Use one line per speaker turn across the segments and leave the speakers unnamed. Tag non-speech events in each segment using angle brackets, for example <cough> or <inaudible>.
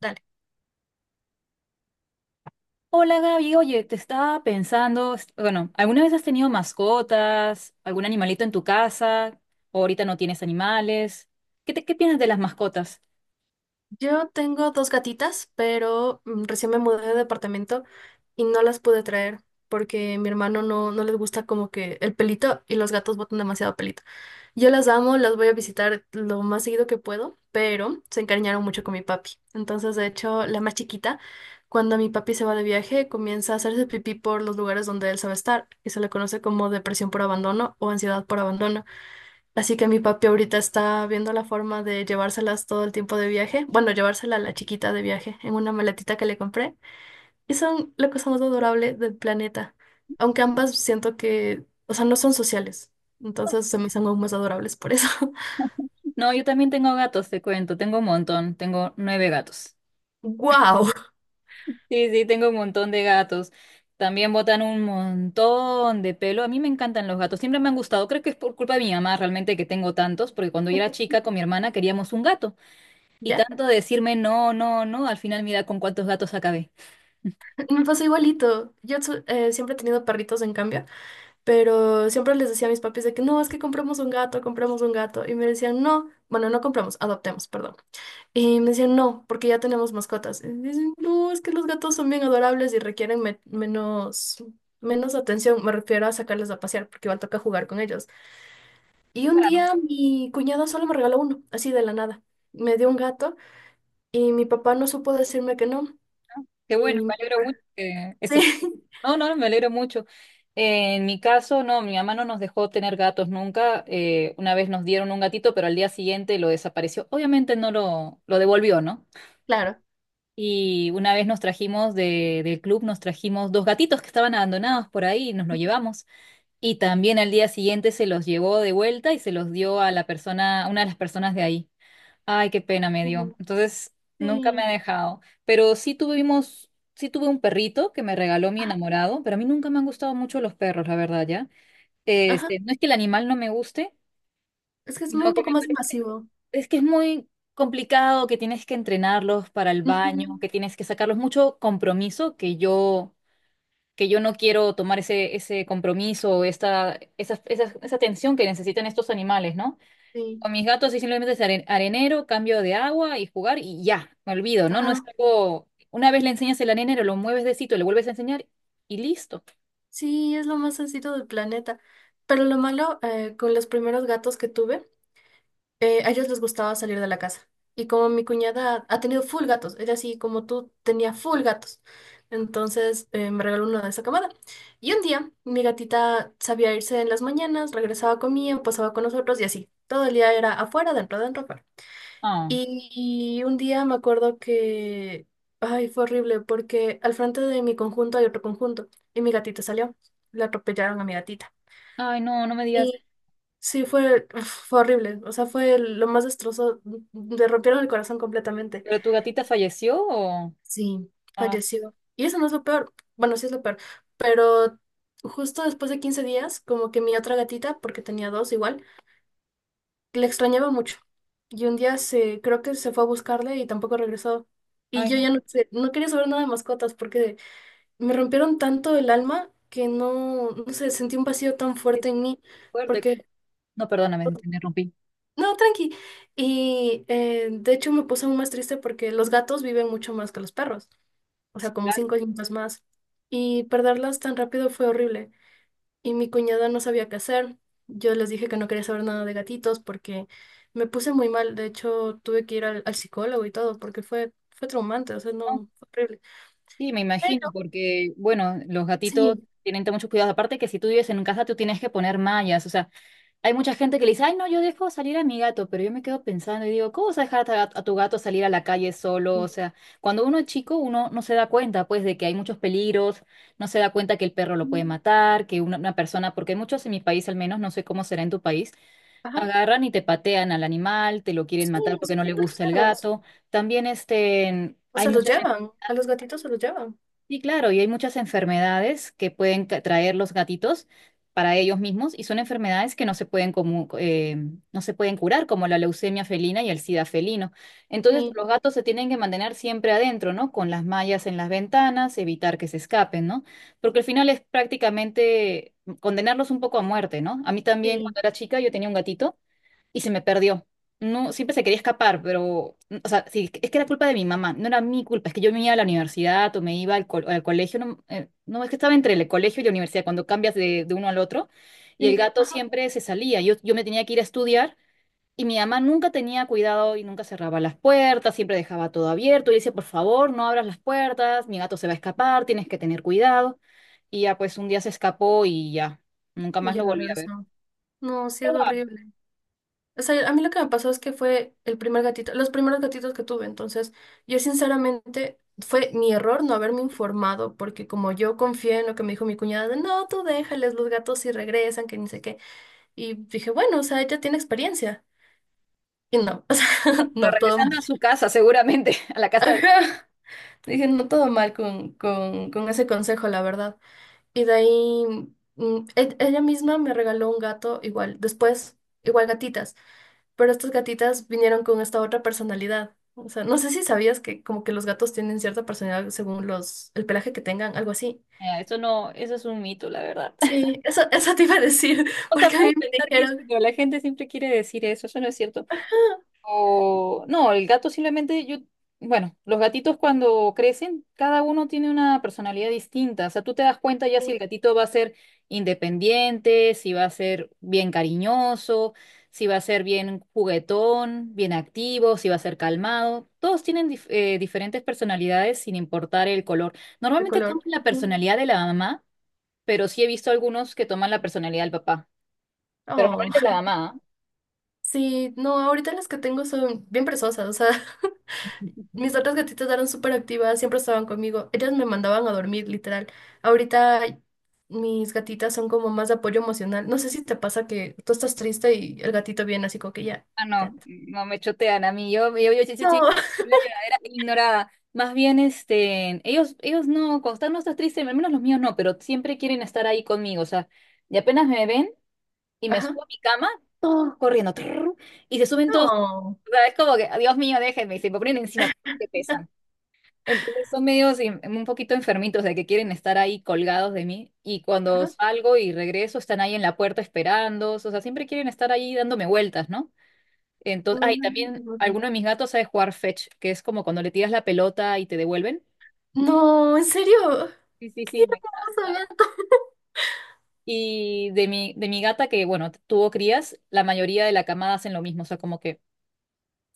Dale.
Hola Gaby, oye, te estaba pensando, bueno, ¿alguna vez has tenido mascotas, algún animalito en tu casa? ¿O ahorita no tienes animales? ¿Qué qué piensas de las mascotas?
Yo tengo dos gatitas, pero recién me mudé de departamento y no las pude traer porque mi hermano no, no les gusta como que el pelito y los gatos botan demasiado pelito. Yo las amo, las voy a visitar lo más seguido que puedo, pero se encariñaron mucho con mi papi. Entonces, de hecho, la más chiquita, cuando mi papi se va de viaje, comienza a hacerse pipí por los lugares donde él sabe estar y se le conoce como depresión por abandono o ansiedad por abandono. Así que mi papi ahorita está viendo la forma de llevárselas todo el tiempo de viaje. Bueno, llevársela a la chiquita de viaje en una maletita que le compré. Y son la cosa más adorable del planeta. Aunque ambas siento que, o sea, no son sociales. Entonces se me hacen aún más adorables por eso. <laughs>
No, yo también tengo gatos, te cuento, tengo un montón, tengo nueve gatos.
¡Wow!
Sí, sí, tengo un montón de gatos. También botan un montón de pelo. A mí me encantan los gatos, siempre me han gustado. Creo que es por culpa de mi mamá realmente que tengo tantos, porque cuando yo era chica con mi hermana queríamos un gato. Y
Ya,
tanto decirme no, no, no, al final mira con cuántos gatos acabé.
me pasó igualito. Yo siempre he tenido perritos en cambio, pero siempre les decía a mis papis de que no, es que compramos un gato, compramos un gato. Y me decían, no, bueno, no compramos, adoptemos, perdón. Y me decían, no, porque ya tenemos mascotas. Y dicen, no, es que los gatos son bien adorables y requieren menos atención. Me refiero a sacarles a pasear, porque igual toca jugar con ellos. Y un día mi cuñada solo me regaló uno, así de la nada. Me dio un gato y mi papá no supo decirme que no.
Qué bueno,
Y
me alegro mucho que
sí,
eso. No, no, me alegro mucho. En mi caso, no, mi mamá no nos dejó tener gatos nunca. Una vez nos dieron un gatito, pero al día siguiente lo desapareció. Obviamente no lo devolvió, ¿no?
<laughs> claro.
Y una vez nos trajimos del club, nos trajimos dos gatitos que estaban abandonados por ahí, y nos los llevamos. Y también al día siguiente se los llevó de vuelta y se los dio a la persona, una de las personas de ahí. Ay, qué pena me dio.
Ujú,
Entonces, nunca me
sí.
ha dejado. Pero sí tuve un perrito que me regaló mi
Ajá,
enamorado, pero a mí nunca me han gustado mucho los perros, la verdad, ¿ya?
ajá.
Este, no es que el animal no me guste,
Es que es
sino
un
que
poco
me
más
parece,
masivo.
es que es muy complicado, que tienes que entrenarlos para el baño,
Ujú,
que tienes que sacarlos mucho compromiso, que yo no quiero tomar ese, ese compromiso, esa atención que necesitan estos animales, ¿no?
sí.
Con mis gatos sí simplemente es arenero, cambio de agua y jugar y ya, me olvido, ¿no? No es
Ajá.
algo, una vez le enseñas el arenero, lo mueves de sitio, le vuelves a enseñar y listo.
Sí, es lo más sencillo del planeta. Pero lo malo, con los primeros gatos que tuve, a ellos les gustaba salir de la casa. Y como mi cuñada ha tenido full gatos, ella así como tú tenía full gatos. Entonces me regaló uno de esa camada. Y un día mi gatita sabía irse en las mañanas, regresaba, comía, pasaba con nosotros y así. Todo el día era afuera, dentro, dentro, afuera.
Ah,
Y un día me acuerdo que, ay, fue horrible porque al frente de mi conjunto hay otro conjunto y mi gatita salió, le atropellaron a mi gatita.
ay, no, no me digas,
Y sí, fue, uf, fue horrible, o sea, fue lo más destrozo, le rompieron el corazón completamente.
¿pero tu gatita falleció o...?
Sí,
Ah,
falleció. Y eso no es lo peor, bueno, sí es lo peor, pero justo después de 15 días, como que mi otra gatita, porque tenía dos igual, le extrañaba mucho. Y un día se, creo que se fue a buscarle y tampoco regresó. Y
ay,
yo
no,
ya no sé, no quería saber nada de mascotas porque me rompieron tanto el alma que no, no sé, sentí un vacío tan
qué
fuerte en mí.
fuerte.
Porque,
No, perdóname, te interrumpí.
no, tranqui. Y de hecho me puse aún más triste porque los gatos viven mucho más que los perros. O
Sí,
sea, como
claro,
5 años más. Y perderlas tan rápido fue horrible. Y mi cuñada no sabía qué hacer. Yo les dije que no quería saber nada de gatitos porque me puse muy mal. De hecho, tuve que ir al, al psicólogo y todo porque fue, fue traumante, o sea,
¿no?
no, fue horrible.
Sí, me imagino,
Pero
porque, bueno, los gatitos
sí,
tienen que tener mucho cuidado. Aparte que si tú vives en casa, tú tienes que poner mallas, o sea, hay mucha gente que le dice, ay, no, yo dejo salir a mi gato, pero yo me quedo pensando y digo, ¿cómo vas a dejar a tu gato salir a la calle solo? O
sí,
sea, cuando uno es chico, uno no se da cuenta, pues, de que hay muchos peligros, no se da cuenta que el perro lo
mm,
puede matar, que una persona, porque muchos en mi país al menos, no sé cómo será en tu país,
ajá,
agarran y te patean al animal, te lo quieren
sí,
matar porque
son
no le
bien
gusta el
groseros.
gato. También, este,
O
hay
sea, los
muchas.
llevan, a los gatitos se los llevan.
Sí, claro, y hay muchas enfermedades que pueden traer los gatitos para ellos mismos y son enfermedades que no se pueden no se pueden curar, como la leucemia felina y el sida felino. Entonces,
Sí,
los gatos se tienen que mantener siempre adentro, ¿no? Con las mallas en las ventanas, evitar que se escapen, ¿no? Porque al final es prácticamente condenarlos un poco a muerte, ¿no? A mí también,
sí,
cuando era chica, yo tenía un gatito y se me perdió. No, siempre se quería escapar, pero, o sea, sí, es que era culpa de mi mamá, no era mi culpa, es que yo me iba a la universidad o me iba al colegio, no, no, es que estaba entre el colegio y la universidad, cuando cambias de uno al otro, y el
sí,
gato
ajá,
siempre se salía, yo me tenía que ir a estudiar, y mi mamá nunca tenía cuidado y nunca cerraba las puertas, siempre dejaba todo abierto, y decía, por favor, no abras las puertas, mi gato se va a escapar, tienes que tener cuidado, y ya pues un día se escapó y ya, nunca
y
más
ya
lo
no
volví a ver.
regresaron. No, sí es horrible. O sea, a mí lo que me pasó es que fue el primer gatito, los primeros gatitos que tuve. Entonces, yo sinceramente fue mi error no haberme informado, porque como yo confié en lo que me dijo mi cuñada de no, tú déjales los gatos si regresan, que ni sé qué. Y dije, bueno, o sea, ella tiene experiencia. Y no, <laughs> o sea,
Pero
no, todo
regresando
mal.
a su casa, seguramente, <laughs> a la casa de...
Ajá. Dije, no, todo mal con ese consejo, la verdad. Y de ahí, ella misma me regaló un gato igual, después, igual gatitas. Pero estas gatitas vinieron con esta otra personalidad. O sea, no sé si sabías que como que los gatos tienen cierta personalidad según los, el pelaje que tengan, algo así.
Eso no, eso es un mito, la verdad. <laughs>
Sí, eso, <laughs> eso te iba a decir, <laughs>
O sea,
porque a mí
puedes
me
pensar que sí,
dijeron:
pero la gente siempre quiere decir eso, eso no es cierto.
"Ah,
O, no, el gato simplemente yo, bueno, los gatitos cuando crecen, cada uno tiene una personalidad distinta. O sea, tú te das cuenta ya si
sí,
el gatito va a ser independiente, si va a ser bien cariñoso, si va a ser bien juguetón, bien activo, si va a ser calmado. Todos tienen diferentes personalidades sin importar el color.
de
Normalmente
color".
toman la
Ujú.
personalidad de la mamá, pero sí he visto algunos que toman la personalidad del papá. Pero
Oh,
normalmente es la mamá. ¿Ah?
sí, no, ahorita las que tengo son bien presosas, o sea, <laughs> mis otras gatitas eran súper activas, siempre estaban conmigo, ellas me mandaban a dormir, literal. Ahorita mis gatitas son como más de apoyo emocional. No sé si te pasa que tú estás triste y el gatito viene así como que ya,
Ah,
ya.
no, no me chotean a mí. Yo sí estoy
No. <laughs>
en la lloradera ignorada. Más bien, este, ellos no, cuando están, no estás triste, al menos los míos no, pero siempre quieren estar ahí conmigo. O sea, y apenas me ven y me
Ajá.
subo a mi cama, todos corriendo, trrr, y se suben todos. O
No.
sea, es como que, Dios mío, déjenme, y se me ponen encima, que pesan. Entonces son medios un poquito enfermitos de que quieren estar ahí colgados de mí. Y cuando
Ajá.
salgo y regreso, están ahí en la puerta esperando. O sea, siempre quieren estar ahí dándome vueltas, ¿no? Entonces,
No, no,
ah, y
no se
también
botan.
alguno de mis gatos sabe jugar fetch, que es como cuando le tiras la pelota y te devuelven.
No, ¿en serio?
Sí, sí,
¡Qué
sí, me
hermoso
encanta.
gato! O
Y de mi gata, que bueno, tuvo crías, la mayoría de la camada hacen lo mismo, o sea, como que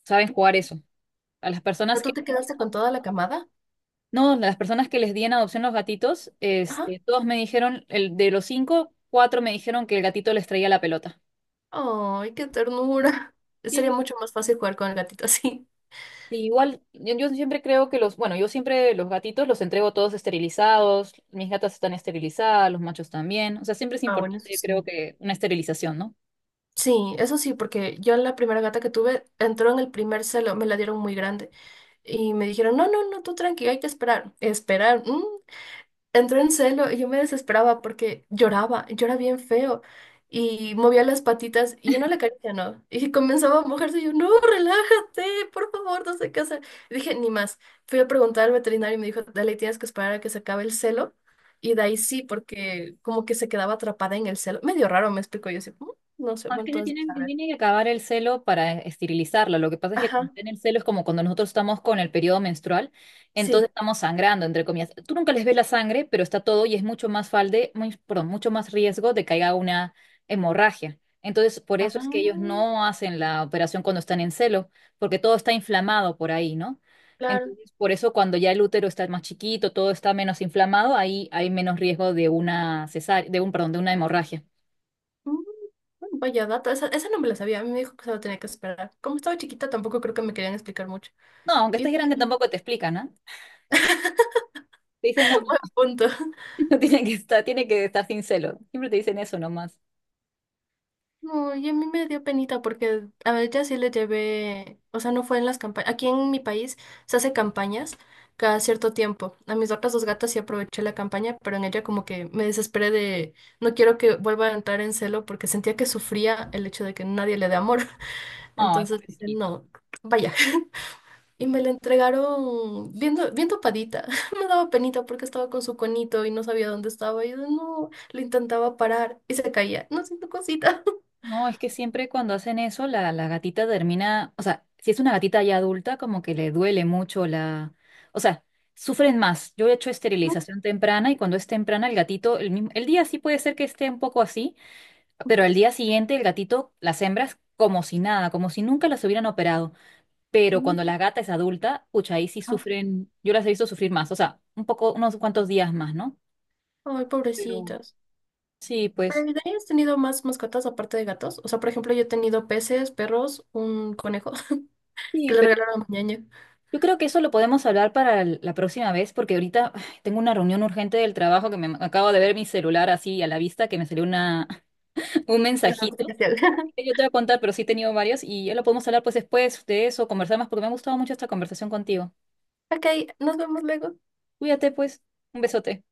saben jugar eso. A las
sea,
personas
¿tú
que...
te quedaste con toda la camada?
No, las personas que les di en adopción los gatitos,
Ajá.
este, todos me dijeron, de los cinco, cuatro me dijeron que el gatito les traía la pelota.
¡Ay, qué ternura! <laughs> Sería mucho más fácil jugar con el gatito así.
Sí, igual, yo siempre creo que bueno, yo siempre los gatitos los entrego todos esterilizados, mis gatas están esterilizadas, los machos también, o sea, siempre es
Ah, bueno,
importante,
eso
yo
sí.
creo que una esterilización, ¿no?
Sí, eso sí, porque yo la primera gata que tuve entró en el primer celo, me la dieron muy grande. Y me dijeron, no, no, no, tú tranqui, hay que esperar. Esperar. Entró en celo y yo me desesperaba porque lloraba, llora bien feo y movía las patitas y yo no la caricia no. Y comenzaba a mojarse y yo, no, relájate, por favor, no sé qué hacer. Y dije, ni más. Fui a preguntar al veterinario y me dijo, dale, tienes que esperar a que se acabe el celo. Y de ahí sí, porque como que se quedaba atrapada en el celo. Medio raro, me explicó. Yo así: "Mm, no sé,
No, es
bueno,
que
entonces, a
se
ver".
tiene que acabar el celo para esterilizarlo. Lo que pasa es que cuando
Ajá,
está en el celo es como cuando nosotros estamos con el periodo menstrual, entonces
sí.
estamos sangrando, entre comillas. Tú nunca les ves la sangre, pero está todo y es mucho más falde, muy, perdón, mucho más riesgo de que haya una hemorragia. Entonces, por eso es que ellos
Ah,
no hacen la operación cuando están en celo, porque todo está inflamado por ahí, ¿no?
claro.
Entonces, por eso cuando ya el útero está más chiquito, todo está menos inflamado, ahí hay menos riesgo de una cesárea, de un, perdón, de una hemorragia.
Mm, vaya dato, esa no me la sabía, a mí me dijo que solo tenía que esperar. Como estaba chiquita, tampoco creo que me querían explicar mucho.
No, aunque
Y
estés
de
grande
ahí,
tampoco te explican, ¿ah? Te dicen, no, no,
punto. <laughs>
<laughs> no tiene que estar, tiene que estar sin celo. Siempre te dicen eso nomás.
No, y a mí me dio penita porque a ella sí le llevé, o sea, no fue en las campañas. Aquí en mi país se hace campañas cada cierto tiempo. A mis otras dos gatas sí aproveché la campaña, pero en ella como que me desesperé de, no quiero que vuelva a entrar en celo porque sentía que sufría el hecho de que nadie le dé amor. <laughs>
Ay,
Entonces, dije,
pobrecita.
no, vaya. Y me la entregaron bien, bien tapadita. <laughs> Me daba penita porque estaba con su conito y no sabía dónde estaba. Y yo no, le intentaba parar y se caía. No siento cosita.
No, es que siempre cuando hacen eso, la gatita termina, o sea, si es una gatita ya adulta, como que le duele mucho la, o sea, sufren más. Yo he hecho
<laughs>
esterilización temprana y cuando es temprana el gatito, el mismo, el día sí puede ser que esté un poco así, pero al día siguiente el gatito, las hembras, como si nada, como si nunca las hubieran operado. Pero cuando la gata es adulta, pucha, ahí sí sufren, yo las he visto sufrir más, o sea, un poco, unos cuantos días más, ¿no?
Ay,
Pero
pobrecitas.
sí,
¿Pero
pues
¿y de ahí has tenido más mascotas aparte de gatos? O sea, por ejemplo, yo he tenido peces, perros, un conejo <laughs> que
sí,
le
pero
regalaron a mi ñaña.
yo creo que eso lo podemos hablar para la próxima vez, porque ahorita ay, tengo una reunión urgente del trabajo que me acabo de ver mi celular así a la vista, que me salió una, <laughs> un
<laughs> Es algo
mensajito.
especial. <laughs>
Que yo te voy a contar, pero sí he tenido varias y ya lo podemos hablar pues después de eso, conversar más, porque me ha gustado mucho esta conversación contigo.
Ok, nos vemos luego.
Cuídate pues, un besote.